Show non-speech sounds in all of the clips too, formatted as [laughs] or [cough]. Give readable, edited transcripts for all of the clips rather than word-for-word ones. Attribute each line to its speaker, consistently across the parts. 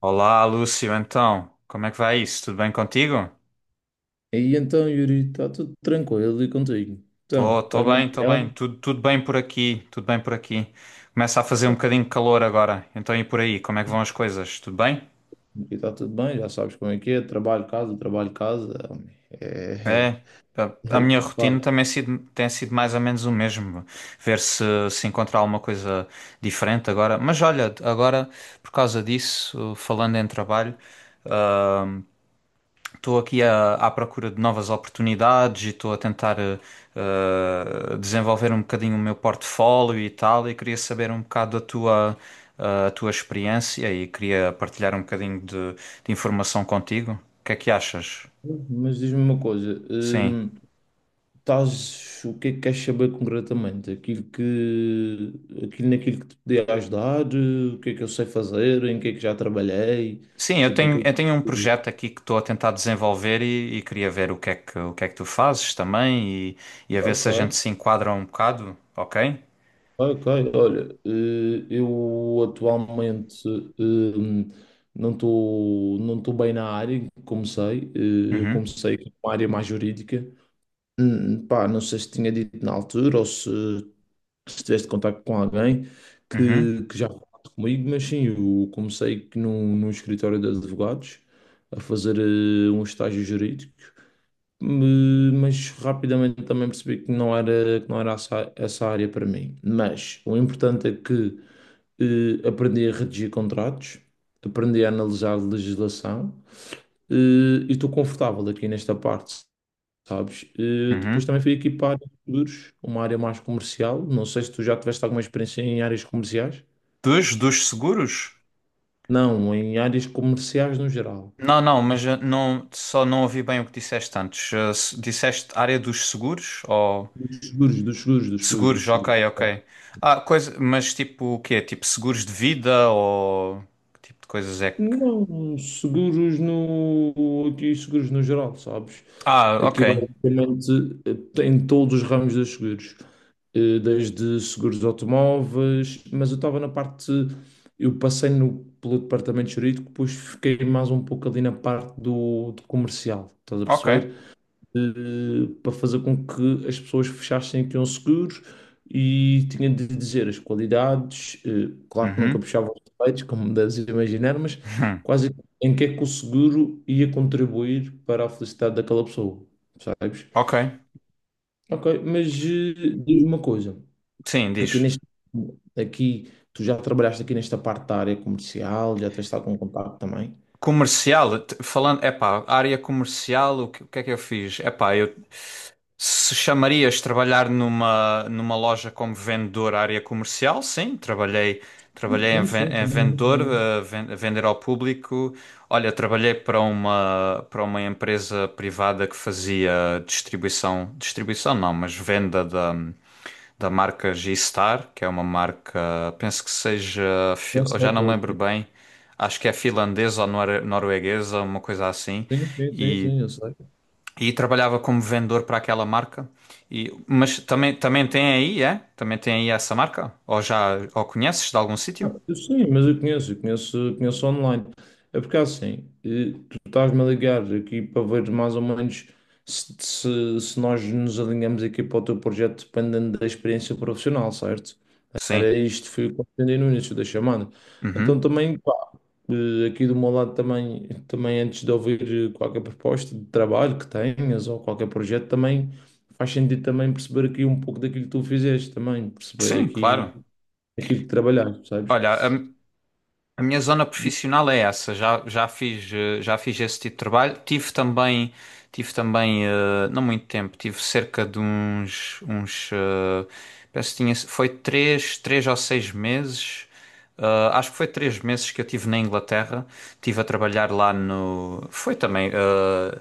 Speaker 1: Olá, Lúcio, então, como é que vai isso? Tudo bem contigo?
Speaker 2: E então, Yuri, está tudo tranquilo e contigo?
Speaker 1: Tô,
Speaker 2: Então,
Speaker 1: tô
Speaker 2: estás-me
Speaker 1: bem, tô
Speaker 2: a
Speaker 1: bem,
Speaker 2: ligar?
Speaker 1: tudo bem por aqui, tudo bem por aqui. Começa a fazer um bocadinho de calor agora, então e por aí, como é que vão as coisas? Tudo bem?
Speaker 2: Aqui está tudo bem, já sabes como é que é, trabalho, casa, trabalho, casa. É, é,
Speaker 1: É, a,
Speaker 2: é
Speaker 1: a
Speaker 2: o que
Speaker 1: minha
Speaker 2: faz.
Speaker 1: rotina também tem sido mais ou menos o mesmo, ver se encontrar alguma coisa diferente agora. Mas olha, agora, por causa disso, falando em trabalho, ah, estou aqui à procura de novas oportunidades e estou a tentar desenvolver um bocadinho o meu portfólio e tal, e queria saber um bocado a tua, a tua experiência e queria partilhar um bocadinho de informação contigo. O que é que achas?
Speaker 2: Mas diz-me uma coisa,
Speaker 1: Sim.
Speaker 2: estás, o que é que queres saber concretamente? Aquilo naquilo que te podia ajudar? O que é que eu sei fazer? Em que é que já trabalhei?
Speaker 1: Sim,
Speaker 2: Tipo, o que é
Speaker 1: eu tenho um
Speaker 2: que...
Speaker 1: projeto aqui que estou a tentar desenvolver e queria ver o que é que, o que é que tu fazes também e a ver se a gente
Speaker 2: Ok,
Speaker 1: se enquadra um bocado, ok?
Speaker 2: Ok, olha, eu atualmente eh, não estou bem na área em que comecei. Eu
Speaker 1: Uhum,
Speaker 2: comecei com uma área mais jurídica. Pá, não sei se tinha dito na altura ou se tiveste contacto com alguém
Speaker 1: uhum,
Speaker 2: que já falou comigo, mas sim, eu comecei num escritório de advogados a fazer um estágio jurídico. Mas rapidamente também percebi que que não era essa área para mim. Mas o importante é que aprendi a redigir contratos, aprendi a analisar legislação eh,, e estou confortável aqui nesta parte, sabes? Eh, depois
Speaker 1: uhum.
Speaker 2: também fui aqui para a área de seguros, uma área mais comercial. Não sei se tu já tiveste alguma experiência em áreas comerciais.
Speaker 1: Dos, dos seguros?
Speaker 2: Não, em áreas comerciais no geral.
Speaker 1: Não, não, mas não, só não ouvi bem o que disseste antes. Eh, disseste área dos seguros ou
Speaker 2: Dos seguros, dos seguros, dos seguros,
Speaker 1: seguros,
Speaker 2: dos
Speaker 1: ok,
Speaker 2: seguros.
Speaker 1: ok. Ah, coisa, mas tipo o quê? Tipo seguros de vida ou que tipo de coisas é que.
Speaker 2: Não, seguros no, aqui seguros no geral, sabes?
Speaker 1: Ah, ok,
Speaker 2: Aqui basicamente em todos os ramos dos seguros. Eh, desde seguros de automóveis, mas eu estava na parte, eu passei no, pelo departamento jurídico, depois fiquei mais um pouco ali na parte do comercial, estás a
Speaker 1: ok.
Speaker 2: perceber? Para fazer com que as pessoas fechassem que iam seguros e tinha de dizer as qualidades, eh, claro que nunca
Speaker 1: Uhum. [laughs]
Speaker 2: puxava os defeitos, como [laughs] deves imaginar, mas
Speaker 1: Hum,
Speaker 2: quase em que é que o seguro ia contribuir para a felicidade daquela pessoa, sabes?
Speaker 1: ok,
Speaker 2: Ok, mas diz-me uma coisa,
Speaker 1: sim,
Speaker 2: aqui
Speaker 1: diz.
Speaker 2: neste, aqui, tu já trabalhaste aqui nesta parte da área comercial, já tens estado com contato também?
Speaker 1: Comercial, falando, epá, área comercial, o que é que eu fiz? Epá, eu. Se chamarias trabalhar numa, numa loja como vendedor à área comercial? Sim, trabalhei,
Speaker 2: Sim,
Speaker 1: trabalhei em,
Speaker 2: sim, sim,
Speaker 1: em
Speaker 2: também,
Speaker 1: vendedor,
Speaker 2: também.
Speaker 1: eh, a vender ao público. Olha, trabalhei para uma empresa privada que fazia distribuição, distribuição não, mas venda da, da marca G-Star, que é uma marca, penso que seja,
Speaker 2: Já
Speaker 1: eu já
Speaker 2: sei
Speaker 1: não me
Speaker 2: qual é que
Speaker 1: lembro
Speaker 2: é.
Speaker 1: bem, acho que é finlandesa ou norueguesa, uma coisa assim.
Speaker 2: Sim, sim, sim,
Speaker 1: E
Speaker 2: sim, eu sei.
Speaker 1: e trabalhava como vendedor para aquela marca. E, mas também, também tem aí, é? Também tem aí essa marca? Ou já ou conheces de algum sítio?
Speaker 2: Eu Sim, mas eu conheço online. É porque assim, eh, tu estás-me a ligar aqui para ver mais ou menos se nós nos alinhamos aqui para o teu projeto dependendo da experiência profissional, certo?
Speaker 1: Sim.
Speaker 2: Era isto, foi o que eu entendi no início da chamada. Então
Speaker 1: Uhum.
Speaker 2: também, pá, aqui do meu lado também, também antes de ouvir qualquer proposta de trabalho que tenhas ou qualquer projeto, também faz sentido também perceber aqui um pouco daquilo que tu fizeste também, perceber
Speaker 1: Sim,
Speaker 2: aqui
Speaker 1: claro.
Speaker 2: aquilo que trabalhaste, sabes?
Speaker 1: Olha, a minha zona profissional é essa. Já, já fiz, eh, já fiz esse tipo de trabalho. Tive também, eh, não muito tempo, tive cerca de uns, uns, penso que tinha, foi três, três ou seis meses. Acho que foi três meses que eu tive na Inglaterra. Tive a trabalhar lá no. Foi também.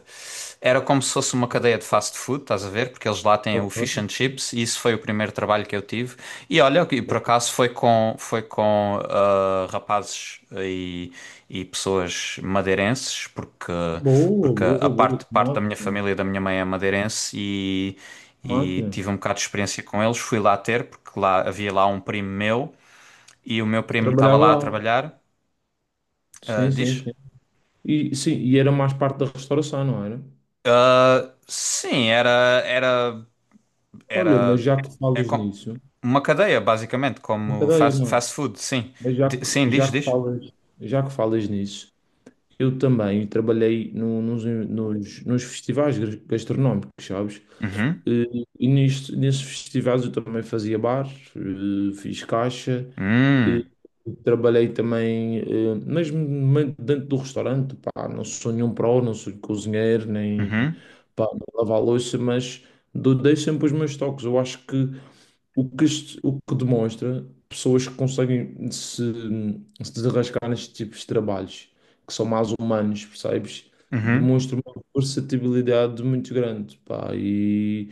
Speaker 1: Era como se fosse uma cadeia de
Speaker 2: Alpine?
Speaker 1: fast food, estás a ver? Porque eles lá têm o fish and chips e isso foi o primeiro trabalho que eu tive. E olha, e por
Speaker 2: Boa,
Speaker 1: acaso foi com rapazes e pessoas madeirenses, porque,
Speaker 2: boa,
Speaker 1: porque a
Speaker 2: boa,
Speaker 1: parte, parte
Speaker 2: boa.
Speaker 1: da minha
Speaker 2: Máquina.
Speaker 1: família e da minha mãe é madeirense e
Speaker 2: Máquina.
Speaker 1: tive um bocado de experiência com eles. Fui lá ter, porque lá havia lá um primo meu e o meu
Speaker 2: Eu
Speaker 1: primo estava
Speaker 2: trabalhava
Speaker 1: lá a
Speaker 2: lá.
Speaker 1: trabalhar.
Speaker 2: Sim,
Speaker 1: Ah,
Speaker 2: sim,
Speaker 1: diz?
Speaker 2: sim. E, sim, e era mais parte da restauração, não era?
Speaker 1: Ah, sim, era, era,
Speaker 2: Olha, mas
Speaker 1: era
Speaker 2: já que
Speaker 1: é
Speaker 2: falas
Speaker 1: com-
Speaker 2: nisso,
Speaker 1: uma cadeia, basicamente,
Speaker 2: não
Speaker 1: como
Speaker 2: peraí,
Speaker 1: fast,
Speaker 2: não é?
Speaker 1: fast food, sim.
Speaker 2: Mas já que,
Speaker 1: Sim, diz,
Speaker 2: já que
Speaker 1: diz.
Speaker 2: falas, já que falas nisso, eu também trabalhei nos festivais gastronómicos, sabes?
Speaker 1: Uhum.
Speaker 2: E nisto, nesses festivais eu também fazia bar, fiz caixa. Eh,
Speaker 1: Hum.
Speaker 2: trabalhei também, dentro do restaurante, pá, não sou nenhum pró, não sou cozinheiro, nem
Speaker 1: Uhum.
Speaker 2: pá, não lavo a louça, mas dei sempre os meus toques. Eu acho que o que demonstra pessoas que conseguem se, se desenrascar nestes tipos de trabalhos, que são mais humanos, percebes?
Speaker 1: Uhum.
Speaker 2: Demonstra uma versatilidade muito grande, pá,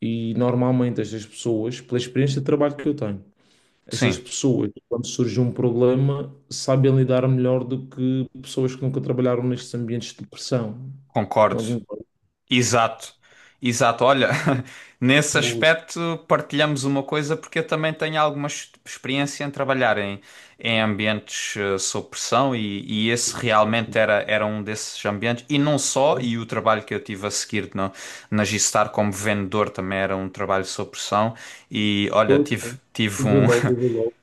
Speaker 2: e normalmente estas pessoas, pela experiência de trabalho que eu tenho. Estas
Speaker 1: Sim,
Speaker 2: pessoas, quando surge um problema, sabem lidar melhor do que pessoas que nunca trabalharam nestes ambientes de pressão.
Speaker 1: concordo.
Speaker 2: Não concordo.
Speaker 1: Exato, exato. Olha, [laughs] nesse
Speaker 2: Boa,
Speaker 1: aspecto partilhamos uma coisa, porque eu também tenho alguma experiência em trabalhar em, em ambientes sob pressão e esse
Speaker 2: pressão.
Speaker 1: realmente era, era um desses ambientes. E não só, e o trabalho que eu tive a seguir na, na G-Star como vendedor também era um trabalho sob pressão. E olha,
Speaker 2: Pois,
Speaker 1: tive,
Speaker 2: pois.
Speaker 1: tive
Speaker 2: Eu vi
Speaker 1: um,
Speaker 2: logo, eu vi logo.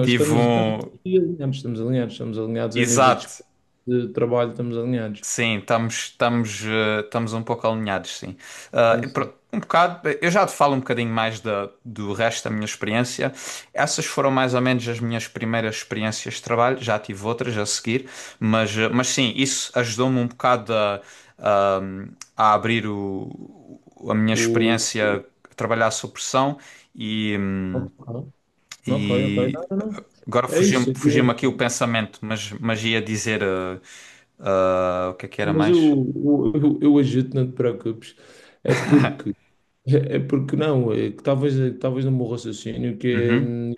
Speaker 1: [laughs] tive
Speaker 2: Estamos
Speaker 1: um,
Speaker 2: aqui alinhados, estamos alinhados, estamos alinhados a nível
Speaker 1: exato.
Speaker 2: de trabalho, estamos alinhados.
Speaker 1: Sim, estamos, estamos, estamos um pouco alinhados, sim. Ah,
Speaker 2: Sim,
Speaker 1: e
Speaker 2: sim.
Speaker 1: um bocado, eu já te falo um bocadinho mais da, do resto da minha experiência. Essas foram mais ou menos as minhas primeiras experiências de trabalho, já tive outras a seguir, mas, mas sim, isso ajudou-me um bocado a, a abrir o, a minha
Speaker 2: O...
Speaker 1: experiência a trabalhar sob pressão e.
Speaker 2: Ok, ok, ok.
Speaker 1: E
Speaker 2: Não, não, não.
Speaker 1: agora
Speaker 2: É isso, aqui
Speaker 1: fugiu-me aqui o
Speaker 2: mesmo.
Speaker 1: pensamento, mas ia dizer o que é que era
Speaker 2: Mas
Speaker 1: mais?
Speaker 2: eu ajudo, não te preocupes. É porque, é porque não, é que talvez no meu raciocínio que é,
Speaker 1: Uhum,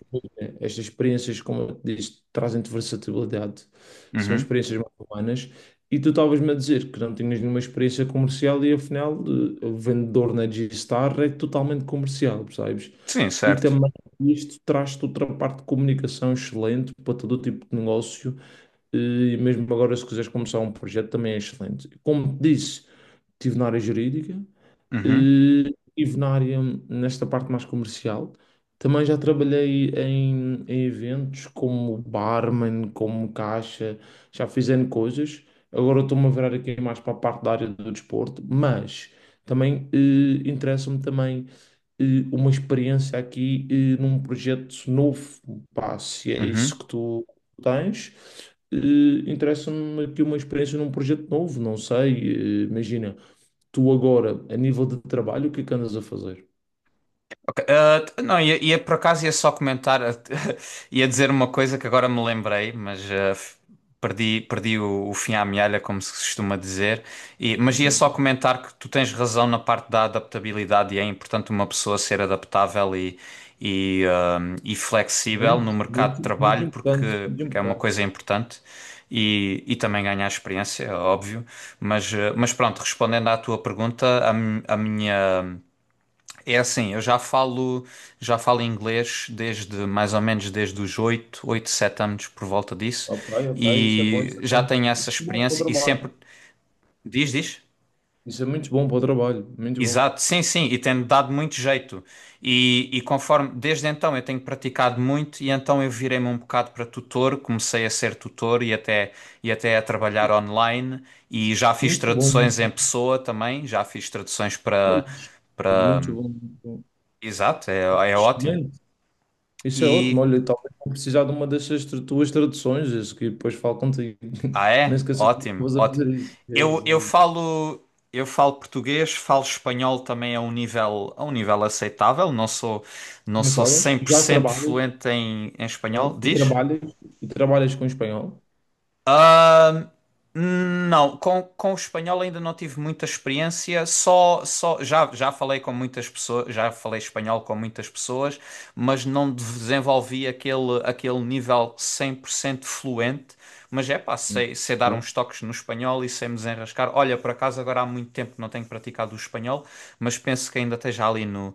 Speaker 2: estas experiências, como eu te disse, trazem-te versatilidade, são
Speaker 1: uhum.
Speaker 2: experiências mais humanas, e tu estavas-me a dizer que não tinhas nenhuma experiência comercial e afinal o vendedor na G-Star é totalmente comercial, percebes?
Speaker 1: Sim,
Speaker 2: E
Speaker 1: certo.
Speaker 2: também isto traz-te outra parte de comunicação excelente para todo tipo de negócio e mesmo agora, se quiseres começar um projeto, também é excelente. Como te disse, estive na área jurídica,
Speaker 1: Uhum,
Speaker 2: eh, Estive na área, nesta parte mais comercial. Também já trabalhei em, em eventos como barman, como caixa, já fiz N coisas. Agora estou-me a virar aqui mais para a parte da área do desporto, mas também interessa-me também uma experiência num projeto novo. Pá, se é isso
Speaker 1: uhum.
Speaker 2: que tu tens, interessa-me aqui uma experiência num projeto novo, não sei, imagina tu agora, a nível de trabalho, o que é que andas a fazer?
Speaker 1: Ok, não, ia, ia por acaso ia só comentar, [laughs] ia dizer uma coisa que agora me lembrei, mas perdi, perdi o fim à mealha, como se costuma dizer. Mas ia só comentar que tu tens razão na parte da adaptabilidade e é importante uma pessoa ser adaptável e, e flexível no
Speaker 2: Muito,
Speaker 1: mercado de
Speaker 2: muito, muito
Speaker 1: trabalho,
Speaker 2: importante,
Speaker 1: porque,
Speaker 2: muito
Speaker 1: porque é uma
Speaker 2: importante.
Speaker 1: coisa importante. E também ganhar experiência, é óbvio. Mas, mas pronto, respondendo à tua pergunta, a a minha. É assim, eu já falo inglês desde mais ou menos desde os 7 anos por volta disso
Speaker 2: Ok, ok, isso é bom,
Speaker 1: e
Speaker 2: isso é
Speaker 1: já
Speaker 2: bom.
Speaker 1: tenho essa
Speaker 2: Isso é bom para o
Speaker 1: experiência e sempre
Speaker 2: trabalho.
Speaker 1: diz, diz.
Speaker 2: Isso é muito bom para o trabalho, muito bom.
Speaker 1: Exato, sim, sim, e tem dado muito jeito. E conforme desde então eu tenho praticado muito e então eu virei-me um bocado para tutor, comecei a ser tutor e até a trabalhar online e já fiz
Speaker 2: Muito bom, muito
Speaker 1: traduções em
Speaker 2: bom.
Speaker 1: pessoa também, já fiz traduções
Speaker 2: É
Speaker 1: para
Speaker 2: isso.
Speaker 1: para.
Speaker 2: Muito bom, muito bom.
Speaker 1: Exato, é, é ótimo.
Speaker 2: Excelente. Isso é ótimo.
Speaker 1: E
Speaker 2: Olha, talvez vou precisar de uma dessas tuas traduções, isso que depois falo contigo.
Speaker 1: ah,
Speaker 2: [laughs] Nem
Speaker 1: é?
Speaker 2: esqueças que
Speaker 1: Ótimo,
Speaker 2: estavas a
Speaker 1: ótimo.
Speaker 2: fazer isso. É
Speaker 1: Eu,
Speaker 2: isso,
Speaker 1: eu
Speaker 2: é isso.
Speaker 1: falo, eu falo português, falo espanhol também a um nível aceitável. Não sou, não
Speaker 2: Me
Speaker 1: sou
Speaker 2: falas?
Speaker 1: cem por
Speaker 2: Já
Speaker 1: cento
Speaker 2: trabalhas?
Speaker 1: fluente em, em espanhol.
Speaker 2: Ok? E
Speaker 1: Diz?
Speaker 2: trabalhas? E trabalhas com espanhol?
Speaker 1: Não, com o espanhol ainda não tive muita experiência, só, só já, já falei com muitas pessoas, já falei espanhol com muitas pessoas, mas não desenvolvi aquele, aquele nível 100% fluente, mas é pá,
Speaker 2: Hum.
Speaker 1: sei, sei dar uns toques no espanhol e sei me desenrascar. Olha, por acaso agora há muito tempo que não tenho praticado o espanhol, mas penso que ainda esteja ali no,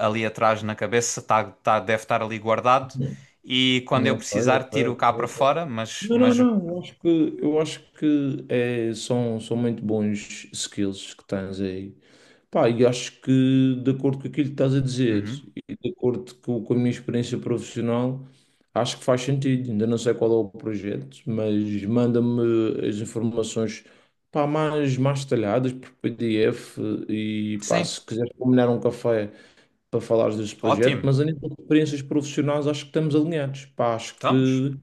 Speaker 1: ali atrás na cabeça, tá, tá, deve estar ali guardado
Speaker 2: Ok.
Speaker 1: e quando eu
Speaker 2: Ok,
Speaker 1: precisar
Speaker 2: ok,
Speaker 1: tiro
Speaker 2: ok,
Speaker 1: cá para
Speaker 2: ok.
Speaker 1: fora, mas,
Speaker 2: Não, não, não, eu acho que são muito bons skills que tens aí. Pá, e acho que de acordo com aquilo que estás a dizer
Speaker 1: uhum.
Speaker 2: e de acordo com a minha experiência profissional, acho que faz sentido. Ainda não sei qual é o projeto, mas manda-me as informações pá, mais detalhadas por PDF e pá,
Speaker 1: Sim.
Speaker 2: se quiseres combinar um café para falares deste projeto,
Speaker 1: Ótimo,
Speaker 2: mas a nível de experiências profissionais acho que estamos alinhados. Pá, acho
Speaker 1: estamos.
Speaker 2: que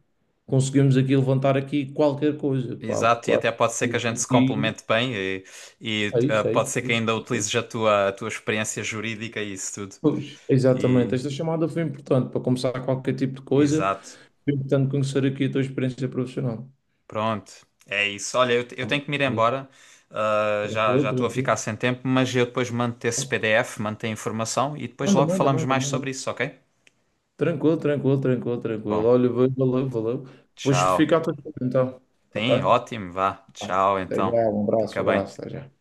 Speaker 2: conseguimos aqui levantar aqui qualquer coisa, pá,
Speaker 1: Exato,
Speaker 2: porque
Speaker 1: e
Speaker 2: eu acho
Speaker 1: até pode ser que a gente se
Speaker 2: que
Speaker 1: complemente bem e,
Speaker 2: é isso, é
Speaker 1: pode
Speaker 2: isso,
Speaker 1: ser
Speaker 2: é
Speaker 1: que
Speaker 2: isso.
Speaker 1: ainda
Speaker 2: É isso.
Speaker 1: utilizes a tua experiência jurídica e isso tudo.
Speaker 2: Pois, exatamente.
Speaker 1: E,
Speaker 2: Esta chamada foi importante para começar qualquer tipo de coisa.
Speaker 1: exato,
Speaker 2: Foi importante conhecer aqui a tua experiência profissional.
Speaker 1: pronto, é isso. Olha, eu, eu
Speaker 2: Pá,
Speaker 1: tenho que me ir
Speaker 2: é isso.
Speaker 1: embora, já
Speaker 2: Tranquilo,
Speaker 1: já estou a
Speaker 2: tranquilo.
Speaker 1: ficar sem tempo, mas eu depois mando-te esse PDF, mando-te a informação e depois
Speaker 2: Manda,
Speaker 1: logo
Speaker 2: manda,
Speaker 1: falamos
Speaker 2: manda,
Speaker 1: mais sobre
Speaker 2: manda.
Speaker 1: isso, ok?
Speaker 2: Tranquilo, tranquilo, tranquilo, tranquilo.
Speaker 1: Bom,
Speaker 2: Olha, valeu, valeu. Depois
Speaker 1: tchau.
Speaker 2: fica a tua então. Ok?
Speaker 1: Sim, ótimo, vá.
Speaker 2: Vai.
Speaker 1: Tchau,
Speaker 2: Até
Speaker 1: então.
Speaker 2: já,
Speaker 1: Fica
Speaker 2: um
Speaker 1: bem.
Speaker 2: abraço, até já.